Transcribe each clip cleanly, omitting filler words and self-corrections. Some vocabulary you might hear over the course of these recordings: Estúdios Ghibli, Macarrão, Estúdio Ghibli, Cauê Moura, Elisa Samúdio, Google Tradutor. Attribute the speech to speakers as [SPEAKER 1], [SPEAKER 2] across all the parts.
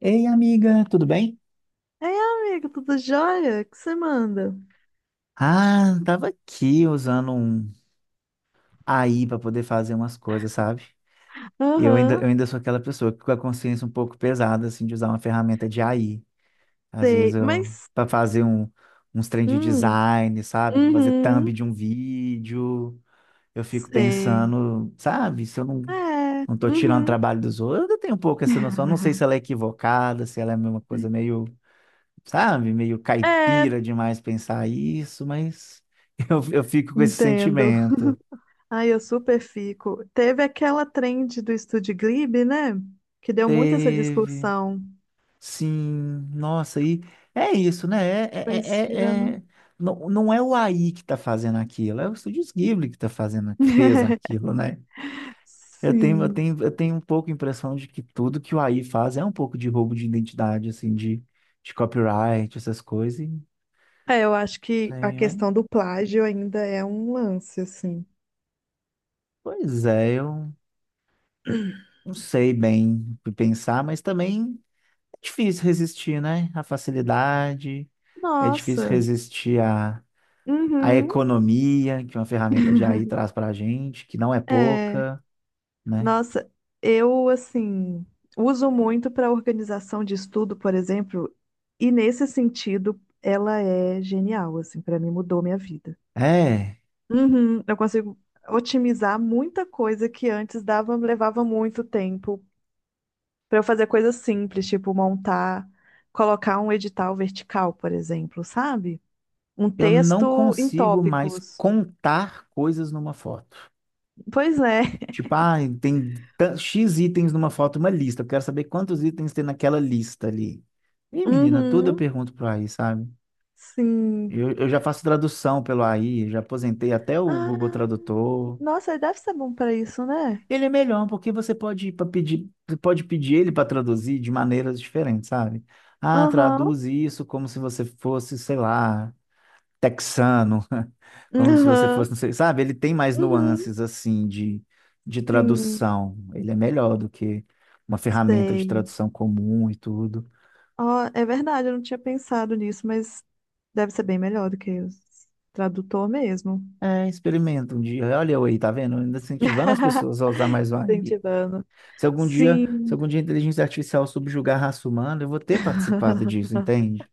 [SPEAKER 1] Ei, amiga, tudo bem?
[SPEAKER 2] Ei, amigo, tudo jóia? O que você manda?
[SPEAKER 1] Ah, tava aqui usando um AI para poder fazer umas coisas, sabe? Eu ainda,
[SPEAKER 2] Aham.
[SPEAKER 1] eu ainda sou aquela pessoa que com a consciência um pouco pesada, assim, de usar uma ferramenta de AI. Às vezes
[SPEAKER 2] Sei,
[SPEAKER 1] eu,
[SPEAKER 2] mas.
[SPEAKER 1] para fazer um, uns trem de
[SPEAKER 2] Hum,
[SPEAKER 1] design, sabe? Para fazer thumb
[SPEAKER 2] uhum,
[SPEAKER 1] de um vídeo, eu fico
[SPEAKER 2] sei.
[SPEAKER 1] pensando, sabe? Se eu não,
[SPEAKER 2] É,
[SPEAKER 1] Não tô tirando
[SPEAKER 2] uhum.
[SPEAKER 1] trabalho dos outros, eu ainda tenho um pouco essa noção. Eu não sei se ela é equivocada, se ela é uma coisa meio, sabe? Meio
[SPEAKER 2] É,
[SPEAKER 1] caipira demais pensar isso, mas eu fico com esse
[SPEAKER 2] entendo.
[SPEAKER 1] sentimento.
[SPEAKER 2] Ai, eu super fico. Teve aquela trend do Estúdio Ghibli, né? Que deu muito essa
[SPEAKER 1] Teve,
[SPEAKER 2] discussão.
[SPEAKER 1] sim, nossa, e é isso, né?
[SPEAKER 2] Ficou
[SPEAKER 1] É-
[SPEAKER 2] estirando.
[SPEAKER 1] é- não, não é o AI que está fazendo aquilo, é o Estúdios Ghibli que está fazendo, que fez aquilo, né? Eu tenho, eu
[SPEAKER 2] Sim.
[SPEAKER 1] tenho, eu tenho um pouco a impressão de que tudo que o AI faz é um pouco de roubo de identidade, assim, de copyright, essas coisas.
[SPEAKER 2] É, eu acho que a
[SPEAKER 1] Sei, mas,
[SPEAKER 2] questão do plágio ainda é um lance, assim.
[SPEAKER 1] pois é, eu não sei bem o que pensar, mas também. Difícil resistir, né? À facilidade, é difícil
[SPEAKER 2] Nossa.
[SPEAKER 1] resistir à, à
[SPEAKER 2] Uhum.
[SPEAKER 1] economia que uma ferramenta de AI traz para a gente, que não é
[SPEAKER 2] É.
[SPEAKER 1] pouca, né?
[SPEAKER 2] Nossa, eu assim uso muito para organização de estudo, por exemplo, e nesse sentido ela é genial, assim, para mim mudou minha vida.
[SPEAKER 1] É,
[SPEAKER 2] Uhum, eu consigo otimizar muita coisa que antes dava, levava muito tempo para eu fazer coisas simples, tipo montar, colocar um edital vertical, por exemplo, sabe? Um
[SPEAKER 1] eu não
[SPEAKER 2] texto em
[SPEAKER 1] consigo mais
[SPEAKER 2] tópicos.
[SPEAKER 1] contar coisas numa foto.
[SPEAKER 2] Pois é.
[SPEAKER 1] Tipo, ah, X itens numa foto, uma lista. Eu quero saber quantos itens tem naquela lista ali. Ih, menina, tudo eu
[SPEAKER 2] Uhum,
[SPEAKER 1] pergunto pro AI, sabe?
[SPEAKER 2] sim.
[SPEAKER 1] Eu já faço tradução pelo AI, já aposentei até o Google
[SPEAKER 2] Ah,
[SPEAKER 1] Tradutor.
[SPEAKER 2] nossa, deve ser bom para isso, né?
[SPEAKER 1] Ele é melhor porque você pode pedir ele para traduzir de maneiras diferentes, sabe? Ah,
[SPEAKER 2] Aham,
[SPEAKER 1] traduz isso como se você fosse, sei lá, texano, como se você
[SPEAKER 2] aham,
[SPEAKER 1] fosse, não sei, sabe? Ele tem mais
[SPEAKER 2] uhum,
[SPEAKER 1] nuances assim de
[SPEAKER 2] sim,
[SPEAKER 1] tradução. Ele é melhor do que uma ferramenta de
[SPEAKER 2] sei.
[SPEAKER 1] tradução comum e tudo.
[SPEAKER 2] Ó, é verdade, eu não tinha pensado nisso, mas deve ser bem melhor do que o tradutor mesmo.
[SPEAKER 1] É, experimenta um dia. Olha eu aí, tá vendo? Ainda incentivando as pessoas a usar mais o AI.
[SPEAKER 2] Incentivando.
[SPEAKER 1] Se algum dia, se
[SPEAKER 2] Sim.
[SPEAKER 1] algum dia a inteligência artificial subjugar a raça humana, eu vou ter participado disso, entende?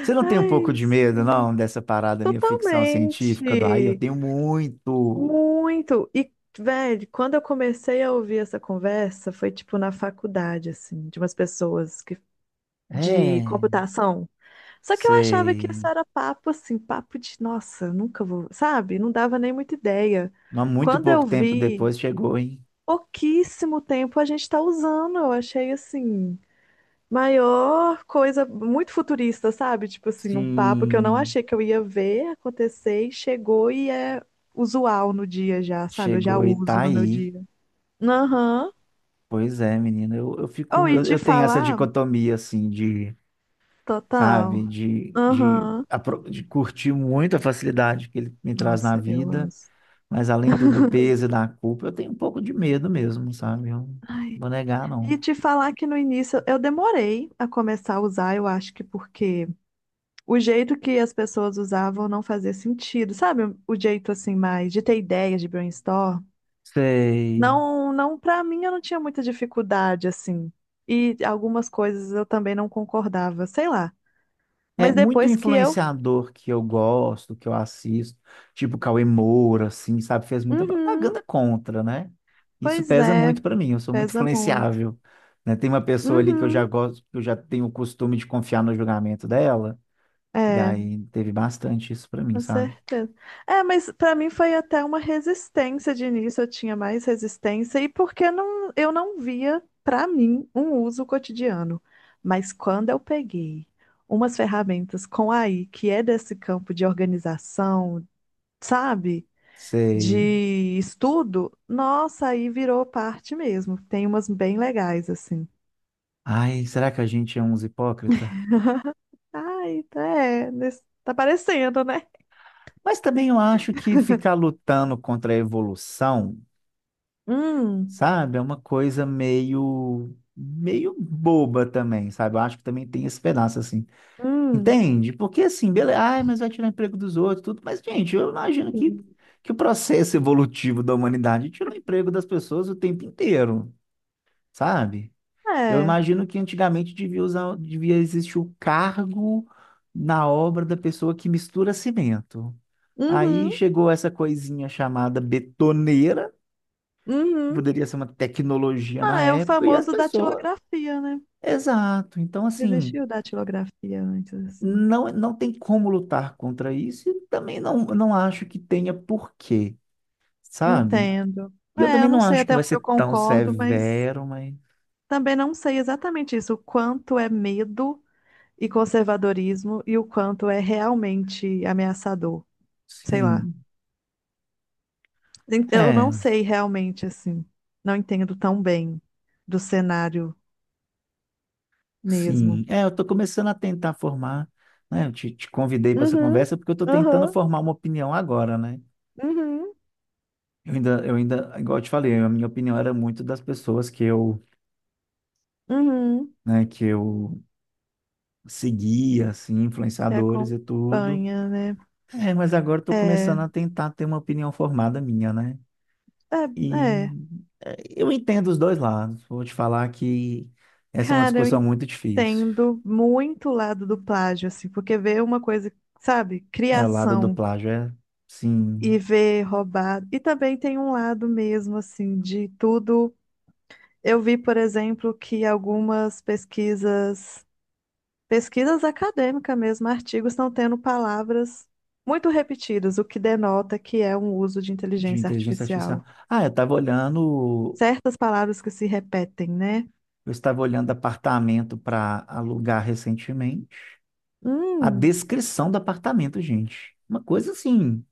[SPEAKER 1] Você não tem um pouco
[SPEAKER 2] Ai,
[SPEAKER 1] de medo,
[SPEAKER 2] sim,
[SPEAKER 1] não, dessa parada meio ficção científica do aí? Eu
[SPEAKER 2] totalmente.
[SPEAKER 1] tenho muito.
[SPEAKER 2] Muito. E, velho, quando eu comecei a ouvir essa conversa, foi tipo na faculdade, assim, de umas pessoas que, de
[SPEAKER 1] É,
[SPEAKER 2] computação. Só que eu achava que isso
[SPEAKER 1] sei.
[SPEAKER 2] era papo, assim, papo de, nossa, nunca vou, sabe? Não dava nem muita ideia.
[SPEAKER 1] Mas muito
[SPEAKER 2] Quando
[SPEAKER 1] pouco
[SPEAKER 2] eu
[SPEAKER 1] tempo
[SPEAKER 2] vi,
[SPEAKER 1] depois chegou, hein?
[SPEAKER 2] pouquíssimo tempo a gente tá usando, eu achei, assim, maior coisa, muito futurista, sabe? Tipo assim, um papo que eu não
[SPEAKER 1] Sim,
[SPEAKER 2] achei que eu ia ver acontecer e chegou e é usual no dia já, sabe? Eu já
[SPEAKER 1] chegou e tá
[SPEAKER 2] uso no meu
[SPEAKER 1] aí.
[SPEAKER 2] dia. Aham.
[SPEAKER 1] Pois é, menino. Eu
[SPEAKER 2] Ou
[SPEAKER 1] fico.
[SPEAKER 2] e
[SPEAKER 1] Eu,
[SPEAKER 2] te
[SPEAKER 1] eu tenho essa
[SPEAKER 2] falar,
[SPEAKER 1] dicotomia, assim, de,
[SPEAKER 2] total.
[SPEAKER 1] sabe,
[SPEAKER 2] Aham.
[SPEAKER 1] de curtir muito a facilidade que ele me traz na
[SPEAKER 2] Nossa, eu amo.
[SPEAKER 1] vida, mas além do, do peso e da culpa, eu tenho um pouco de medo mesmo, sabe? Eu não vou negar, não.
[SPEAKER 2] E te falar que no início eu demorei a começar a usar, eu acho que porque o jeito que as pessoas usavam não fazia sentido, sabe? O jeito assim mais de ter ideias de brainstorm.
[SPEAKER 1] Sei.
[SPEAKER 2] Não, para mim eu não tinha muita dificuldade assim. E algumas coisas eu também não concordava, sei lá.
[SPEAKER 1] É
[SPEAKER 2] Mas
[SPEAKER 1] muito
[SPEAKER 2] depois que eu,
[SPEAKER 1] influenciador que eu gosto, que eu assisto, tipo Cauê Moura, assim, sabe? Fez muita
[SPEAKER 2] uhum,
[SPEAKER 1] propaganda contra, né? Isso
[SPEAKER 2] pois
[SPEAKER 1] pesa
[SPEAKER 2] é,
[SPEAKER 1] muito para mim, eu sou muito
[SPEAKER 2] pesa muito.
[SPEAKER 1] influenciável, né? Tem uma pessoa ali que eu já
[SPEAKER 2] Uhum,
[SPEAKER 1] gosto, que eu já tenho o costume de confiar no julgamento dela, e
[SPEAKER 2] é.
[SPEAKER 1] aí teve bastante isso para mim,
[SPEAKER 2] Com
[SPEAKER 1] sabe?
[SPEAKER 2] certeza. É, mas para mim foi até uma resistência de início, eu tinha mais resistência, e porque não, eu não via, para mim, um uso cotidiano. Mas quando eu peguei umas ferramentas com AI, que é desse campo de organização, sabe,
[SPEAKER 1] Sei.
[SPEAKER 2] de estudo, nossa, aí virou parte mesmo. Tem umas bem legais, assim.
[SPEAKER 1] Ai, será que a gente é uns hipócrita?
[SPEAKER 2] Ai, tá, é, nesse- tá parecendo, né?
[SPEAKER 1] Mas também eu acho que ficar lutando contra a evolução,
[SPEAKER 2] Hum,
[SPEAKER 1] sabe? É uma coisa meio meio boba também, sabe? Eu acho que também tem esse pedaço assim.
[SPEAKER 2] hum,
[SPEAKER 1] Entende? Porque assim, beleza, ai, mas vai tirar emprego dos outros, tudo. Mas gente, eu imagino que
[SPEAKER 2] hum.
[SPEAKER 1] que o processo evolutivo da humanidade tirou o emprego das pessoas o tempo inteiro, sabe? Eu
[SPEAKER 2] É.
[SPEAKER 1] imagino que antigamente devia existir o cargo na obra da pessoa que mistura cimento.
[SPEAKER 2] Uhum.
[SPEAKER 1] Aí chegou essa coisinha chamada betoneira,
[SPEAKER 2] Uhum.
[SPEAKER 1] poderia ser uma tecnologia
[SPEAKER 2] Ah,
[SPEAKER 1] na
[SPEAKER 2] é o
[SPEAKER 1] época, e as
[SPEAKER 2] famoso
[SPEAKER 1] pessoas.
[SPEAKER 2] datilografia, né?
[SPEAKER 1] Exato. Então, assim,
[SPEAKER 2] Existiu datilografia antes, assim.
[SPEAKER 1] não tem como lutar contra isso, e também não acho que tenha porquê, sabe?
[SPEAKER 2] Entendo.
[SPEAKER 1] E eu
[SPEAKER 2] É,
[SPEAKER 1] também
[SPEAKER 2] eu não
[SPEAKER 1] não
[SPEAKER 2] sei
[SPEAKER 1] acho que
[SPEAKER 2] até
[SPEAKER 1] vai
[SPEAKER 2] onde eu
[SPEAKER 1] ser tão
[SPEAKER 2] concordo, mas
[SPEAKER 1] severo, mas
[SPEAKER 2] também não sei exatamente isso, o quanto é medo e conservadorismo e o quanto é realmente ameaçador. Sei lá.
[SPEAKER 1] sim.
[SPEAKER 2] Ent- Eu
[SPEAKER 1] É,
[SPEAKER 2] não sei realmente, assim. Não entendo tão bem do cenário mesmo.
[SPEAKER 1] sim. É, eu tô começando a tentar formar, né? Eu te convidei para essa
[SPEAKER 2] Uhum,
[SPEAKER 1] conversa porque eu tô tentando
[SPEAKER 2] uhum,
[SPEAKER 1] formar uma opinião agora, né?
[SPEAKER 2] uhum,
[SPEAKER 1] Igual eu te falei, a minha opinião era muito das pessoas que eu,
[SPEAKER 2] uhum.
[SPEAKER 1] né, que eu seguia, assim,
[SPEAKER 2] Que
[SPEAKER 1] influenciadores e tudo.
[SPEAKER 2] acompanha, né?
[SPEAKER 1] É, mas agora estou
[SPEAKER 2] É.
[SPEAKER 1] começando a tentar ter uma opinião formada minha, né?
[SPEAKER 2] É,
[SPEAKER 1] E
[SPEAKER 2] é.
[SPEAKER 1] é, eu entendo os dois lados. Vou te falar que essa é uma
[SPEAKER 2] Cara, eu
[SPEAKER 1] discussão muito difícil.
[SPEAKER 2] entendo muito o lado do plágio, assim, porque ver uma coisa, sabe,
[SPEAKER 1] É, o lado do
[SPEAKER 2] criação
[SPEAKER 1] plágio é,
[SPEAKER 2] e
[SPEAKER 1] sim,
[SPEAKER 2] ver roubado. E também tem um lado mesmo, assim, de tudo. Eu vi, por exemplo, que algumas pesquisas, pesquisas acadêmicas mesmo, artigos estão tendo palavras muito repetidas, o que denota que é um uso de
[SPEAKER 1] de
[SPEAKER 2] inteligência
[SPEAKER 1] inteligência artificial.
[SPEAKER 2] artificial.
[SPEAKER 1] Ah,
[SPEAKER 2] Certas palavras que se repetem, né?
[SPEAKER 1] eu estava olhando apartamento para alugar recentemente. A
[SPEAKER 2] Hum,
[SPEAKER 1] descrição do apartamento, gente. Uma coisa assim,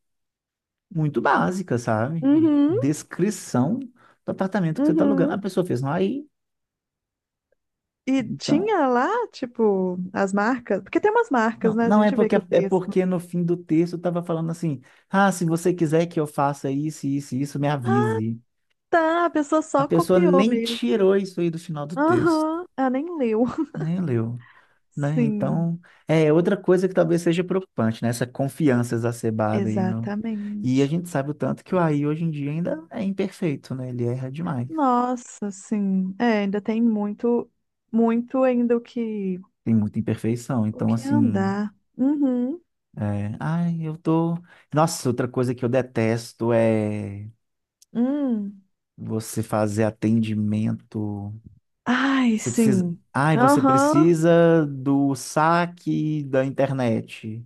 [SPEAKER 1] muito básica, sabe?
[SPEAKER 2] uhum,
[SPEAKER 1] Descrição do apartamento que você está alugando. A
[SPEAKER 2] uhum.
[SPEAKER 1] pessoa fez, não, aí,
[SPEAKER 2] E
[SPEAKER 1] então,
[SPEAKER 2] tinha lá, tipo, as marcas, porque tem umas marcas,
[SPEAKER 1] Não,
[SPEAKER 2] né? A
[SPEAKER 1] não é
[SPEAKER 2] gente vê
[SPEAKER 1] porque
[SPEAKER 2] que o
[SPEAKER 1] é
[SPEAKER 2] texto.
[SPEAKER 1] porque no fim do texto estava falando assim, ah, se você quiser que eu faça isso, isso, isso, me avise.
[SPEAKER 2] Tá, a pessoa
[SPEAKER 1] A
[SPEAKER 2] só
[SPEAKER 1] pessoa
[SPEAKER 2] copiou
[SPEAKER 1] nem
[SPEAKER 2] mesmo.
[SPEAKER 1] tirou isso aí do final do texto,
[SPEAKER 2] Aham, ela nem leu.
[SPEAKER 1] nem leu, né?
[SPEAKER 2] Sim,
[SPEAKER 1] Então, é outra coisa que talvez seja preocupante, né? Essa confiança exacerbada aí, no... E a
[SPEAKER 2] exatamente.
[SPEAKER 1] gente sabe o tanto que o AI hoje em dia ainda é imperfeito, né? Ele erra demais.
[SPEAKER 2] Nossa, sim. É, ainda tem muito, muito ainda
[SPEAKER 1] Tem muita imperfeição.
[SPEAKER 2] o
[SPEAKER 1] Então,
[SPEAKER 2] que
[SPEAKER 1] assim,
[SPEAKER 2] andar. Uhum.
[SPEAKER 1] é, ai, eu tô. Nossa, outra coisa que eu detesto é
[SPEAKER 2] Hum.
[SPEAKER 1] você fazer atendimento.
[SPEAKER 2] Ai,
[SPEAKER 1] Você precisa.
[SPEAKER 2] sim.
[SPEAKER 1] Ai, você
[SPEAKER 2] Aham.
[SPEAKER 1] precisa do saque da internet.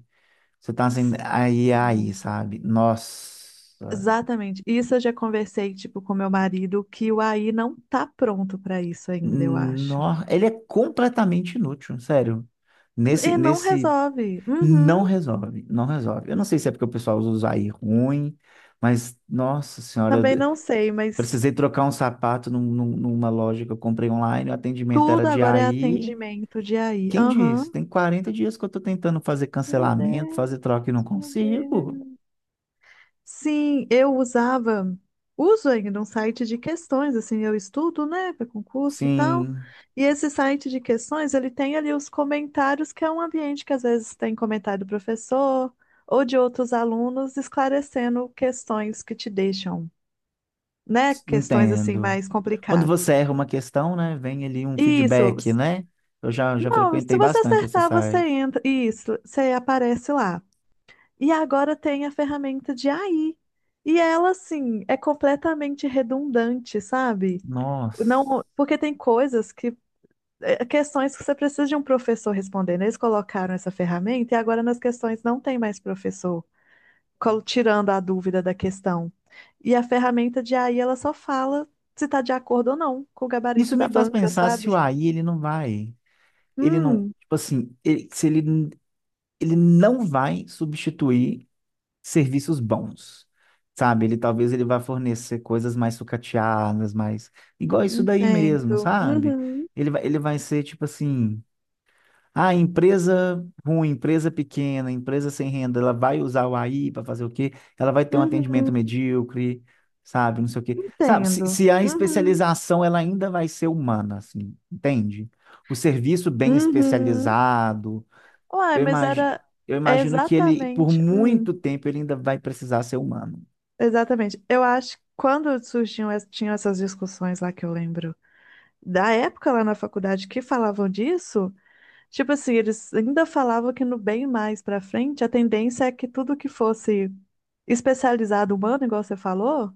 [SPEAKER 1] Você tá assim, aí, aí,
[SPEAKER 2] Exatamente.
[SPEAKER 1] sabe? Nossa.
[SPEAKER 2] Exatamente. Isso eu já conversei, tipo, com meu marido, que o AI não tá pronto pra isso ainda, eu acho.
[SPEAKER 1] No... Ele é completamente inútil, sério. Nesse,
[SPEAKER 2] E não
[SPEAKER 1] nesse.
[SPEAKER 2] resolve.
[SPEAKER 1] Não
[SPEAKER 2] Uhum.
[SPEAKER 1] resolve, não resolve. Eu não sei se é porque o pessoal usa aí ruim, mas, nossa senhora.
[SPEAKER 2] Também não sei, mas
[SPEAKER 1] Precisei trocar um sapato numa loja que eu comprei online, o atendimento era
[SPEAKER 2] tudo
[SPEAKER 1] de
[SPEAKER 2] agora é
[SPEAKER 1] aí.
[SPEAKER 2] atendimento de AI.
[SPEAKER 1] Quem
[SPEAKER 2] Aham.
[SPEAKER 1] disse? Tem 40 dias que eu estou tentando fazer
[SPEAKER 2] Meu
[SPEAKER 1] cancelamento,
[SPEAKER 2] Deus,
[SPEAKER 1] fazer troca e não
[SPEAKER 2] meu
[SPEAKER 1] consigo.
[SPEAKER 2] Deus. Sim, eu usava, uso ainda um site de questões, assim, eu estudo, né, para concurso e tal.
[SPEAKER 1] Sim,
[SPEAKER 2] E esse site de questões, ele tem ali os comentários, que é um ambiente que às vezes tem comentário do professor ou de outros alunos esclarecendo questões que te deixam, né, questões assim
[SPEAKER 1] entendo.
[SPEAKER 2] mais
[SPEAKER 1] Quando você
[SPEAKER 2] complicadas.
[SPEAKER 1] erra uma questão, né, vem ali um
[SPEAKER 2] Isso.
[SPEAKER 1] feedback, né? Já
[SPEAKER 2] Não, se
[SPEAKER 1] frequentei
[SPEAKER 2] você
[SPEAKER 1] bastante esse
[SPEAKER 2] acertar, você
[SPEAKER 1] site.
[SPEAKER 2] entra. Isso, você aparece lá. E agora tem a ferramenta de AI. E ela, assim, é completamente redundante, sabe?
[SPEAKER 1] Nossa.
[SPEAKER 2] Não, porque tem coisas que, é, questões que você precisa de um professor respondendo. Eles colocaram essa ferramenta e agora nas questões não tem mais professor, col- tirando a dúvida da questão. E a ferramenta de AI, ela só fala se está de acordo ou não com o gabarito
[SPEAKER 1] Isso
[SPEAKER 2] da
[SPEAKER 1] me faz
[SPEAKER 2] banca,
[SPEAKER 1] pensar se o
[SPEAKER 2] sabe?
[SPEAKER 1] AI ele não vai, ele não,
[SPEAKER 2] Hum,
[SPEAKER 1] tipo assim, ele- se ele, ele não vai substituir serviços bons, sabe? Ele talvez ele vá fornecer coisas mais sucateadas, mais igual isso daí mesmo,
[SPEAKER 2] entendo.
[SPEAKER 1] sabe?
[SPEAKER 2] Uhum.
[SPEAKER 1] Ele vai ser tipo assim, ah, empresa ruim, empresa pequena, empresa sem renda, ela vai usar o AI para fazer o quê? Ela vai ter um
[SPEAKER 2] Uhum,
[SPEAKER 1] atendimento medíocre, sabe? Não sei o quê. Sabe,
[SPEAKER 2] entendo.
[SPEAKER 1] se a
[SPEAKER 2] Uhum,
[SPEAKER 1] especialização ela ainda vai ser humana, assim, entende? O serviço bem
[SPEAKER 2] uhum.
[SPEAKER 1] especializado,
[SPEAKER 2] Uai,
[SPEAKER 1] eu
[SPEAKER 2] mas
[SPEAKER 1] imagino,
[SPEAKER 2] era
[SPEAKER 1] eu
[SPEAKER 2] é
[SPEAKER 1] imagino que ele, por
[SPEAKER 2] exatamente.
[SPEAKER 1] muito
[SPEAKER 2] Hum,
[SPEAKER 1] tempo, ele ainda vai precisar ser humano.
[SPEAKER 2] exatamente. Eu acho que quando surgiam, es- tinham essas discussões lá que eu lembro da época lá na faculdade que falavam disso, tipo assim, eles ainda falavam que no bem mais pra frente, a tendência é que tudo que fosse especializado humano, igual você falou,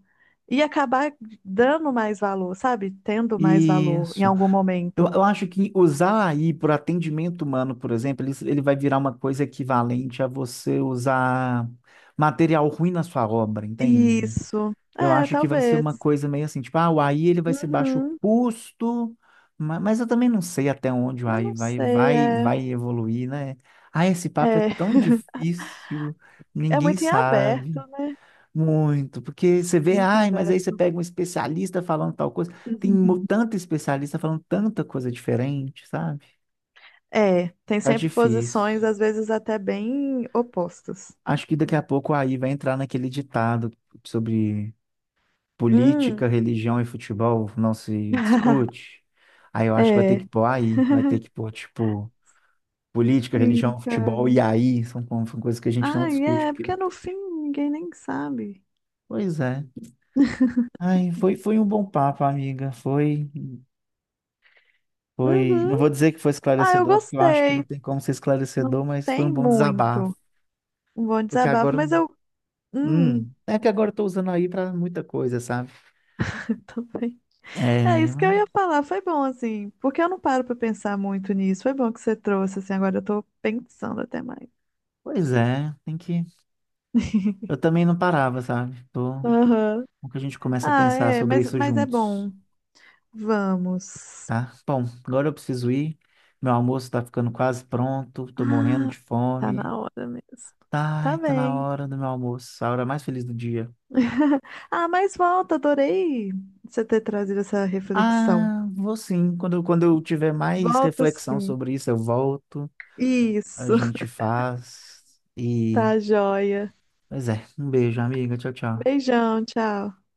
[SPEAKER 2] ia acabar dando mais valor, sabe? Tendo mais valor em
[SPEAKER 1] Isso.
[SPEAKER 2] algum
[SPEAKER 1] Eu,
[SPEAKER 2] momento.
[SPEAKER 1] eu acho que usar a AI por atendimento humano, por exemplo, ele vai virar uma coisa equivalente a você usar material ruim na sua obra, entende?
[SPEAKER 2] Isso.
[SPEAKER 1] Eu
[SPEAKER 2] É,
[SPEAKER 1] acho que vai ser uma
[SPEAKER 2] talvez.
[SPEAKER 1] coisa meio assim, tipo, ah, o AI ele vai ser baixo
[SPEAKER 2] Uhum.
[SPEAKER 1] custo, mas, eu também não sei até onde o
[SPEAKER 2] Também
[SPEAKER 1] AI
[SPEAKER 2] não sei, é.
[SPEAKER 1] vai evoluir, né? Ah, esse papo é
[SPEAKER 2] É,
[SPEAKER 1] tão difícil,
[SPEAKER 2] é
[SPEAKER 1] ninguém
[SPEAKER 2] muito em aberto,
[SPEAKER 1] sabe.
[SPEAKER 2] né?
[SPEAKER 1] Muito, porque você vê,
[SPEAKER 2] Muito
[SPEAKER 1] ai, mas aí você
[SPEAKER 2] aberto.
[SPEAKER 1] pega um especialista falando tal coisa, tanto especialista falando tanta coisa diferente, sabe?
[SPEAKER 2] É, tem
[SPEAKER 1] Tá
[SPEAKER 2] sempre
[SPEAKER 1] difícil.
[SPEAKER 2] posições, às vezes até bem opostas.
[SPEAKER 1] Acho que daqui a pouco aí vai entrar naquele ditado sobre
[SPEAKER 2] Hum.
[SPEAKER 1] política, religião e futebol não se discute. Aí eu acho que vai ter que
[SPEAKER 2] É,
[SPEAKER 1] pôr aí, vai ter que pôr, tipo, política,
[SPEAKER 2] sim,
[SPEAKER 1] religião,
[SPEAKER 2] cara.
[SPEAKER 1] futebol e aí, são, são coisas que a gente não
[SPEAKER 2] Ai,
[SPEAKER 1] discute,
[SPEAKER 2] é,
[SPEAKER 1] porque
[SPEAKER 2] porque
[SPEAKER 1] não...
[SPEAKER 2] no fim ninguém nem sabe.
[SPEAKER 1] Pois é. Ai, foi um bom papo, amiga, foi. Foi, não
[SPEAKER 2] Uhum.
[SPEAKER 1] vou dizer que foi
[SPEAKER 2] Ah, eu
[SPEAKER 1] esclarecedor, porque eu acho que não
[SPEAKER 2] gostei.
[SPEAKER 1] tem como ser
[SPEAKER 2] Não
[SPEAKER 1] esclarecedor, mas foi um
[SPEAKER 2] tem
[SPEAKER 1] bom desabafo.
[SPEAKER 2] muito um bom
[SPEAKER 1] Porque
[SPEAKER 2] desabafo,
[SPEAKER 1] agora,
[SPEAKER 2] mas eu. Hum,
[SPEAKER 1] é que agora eu tô usando aí pra muita coisa, sabe?
[SPEAKER 2] também. É
[SPEAKER 1] É,
[SPEAKER 2] isso que eu
[SPEAKER 1] mas-
[SPEAKER 2] ia falar, foi bom assim, porque eu não paro pra pensar muito nisso. Foi bom que você trouxe assim, agora eu tô pensando até mais.
[SPEAKER 1] pois é, tem que. Eu também não parava, sabe? Tô,
[SPEAKER 2] Aham.
[SPEAKER 1] como que a gente começa a
[SPEAKER 2] Ah,
[SPEAKER 1] pensar
[SPEAKER 2] é,
[SPEAKER 1] sobre
[SPEAKER 2] mas,
[SPEAKER 1] isso
[SPEAKER 2] mas é
[SPEAKER 1] juntos,
[SPEAKER 2] bom. Vamos.
[SPEAKER 1] tá? Bom, agora eu preciso ir. Meu almoço tá ficando quase pronto, tô morrendo
[SPEAKER 2] Ah,
[SPEAKER 1] de
[SPEAKER 2] tá
[SPEAKER 1] fome.
[SPEAKER 2] na hora mesmo. Tá
[SPEAKER 1] Tá, tá na
[SPEAKER 2] bem.
[SPEAKER 1] hora do meu almoço, a hora mais feliz do dia.
[SPEAKER 2] Ah, mas volta, adorei você ter trazido essa reflexão.
[SPEAKER 1] Ah, vou sim. Quando eu tiver mais
[SPEAKER 2] Volta
[SPEAKER 1] reflexão
[SPEAKER 2] sim.
[SPEAKER 1] sobre isso, eu volto, a
[SPEAKER 2] Isso.
[SPEAKER 1] gente faz. E,
[SPEAKER 2] Tá joia.
[SPEAKER 1] pois é, um beijo, amiga. Tchau, tchau.
[SPEAKER 2] Beijão, tchau.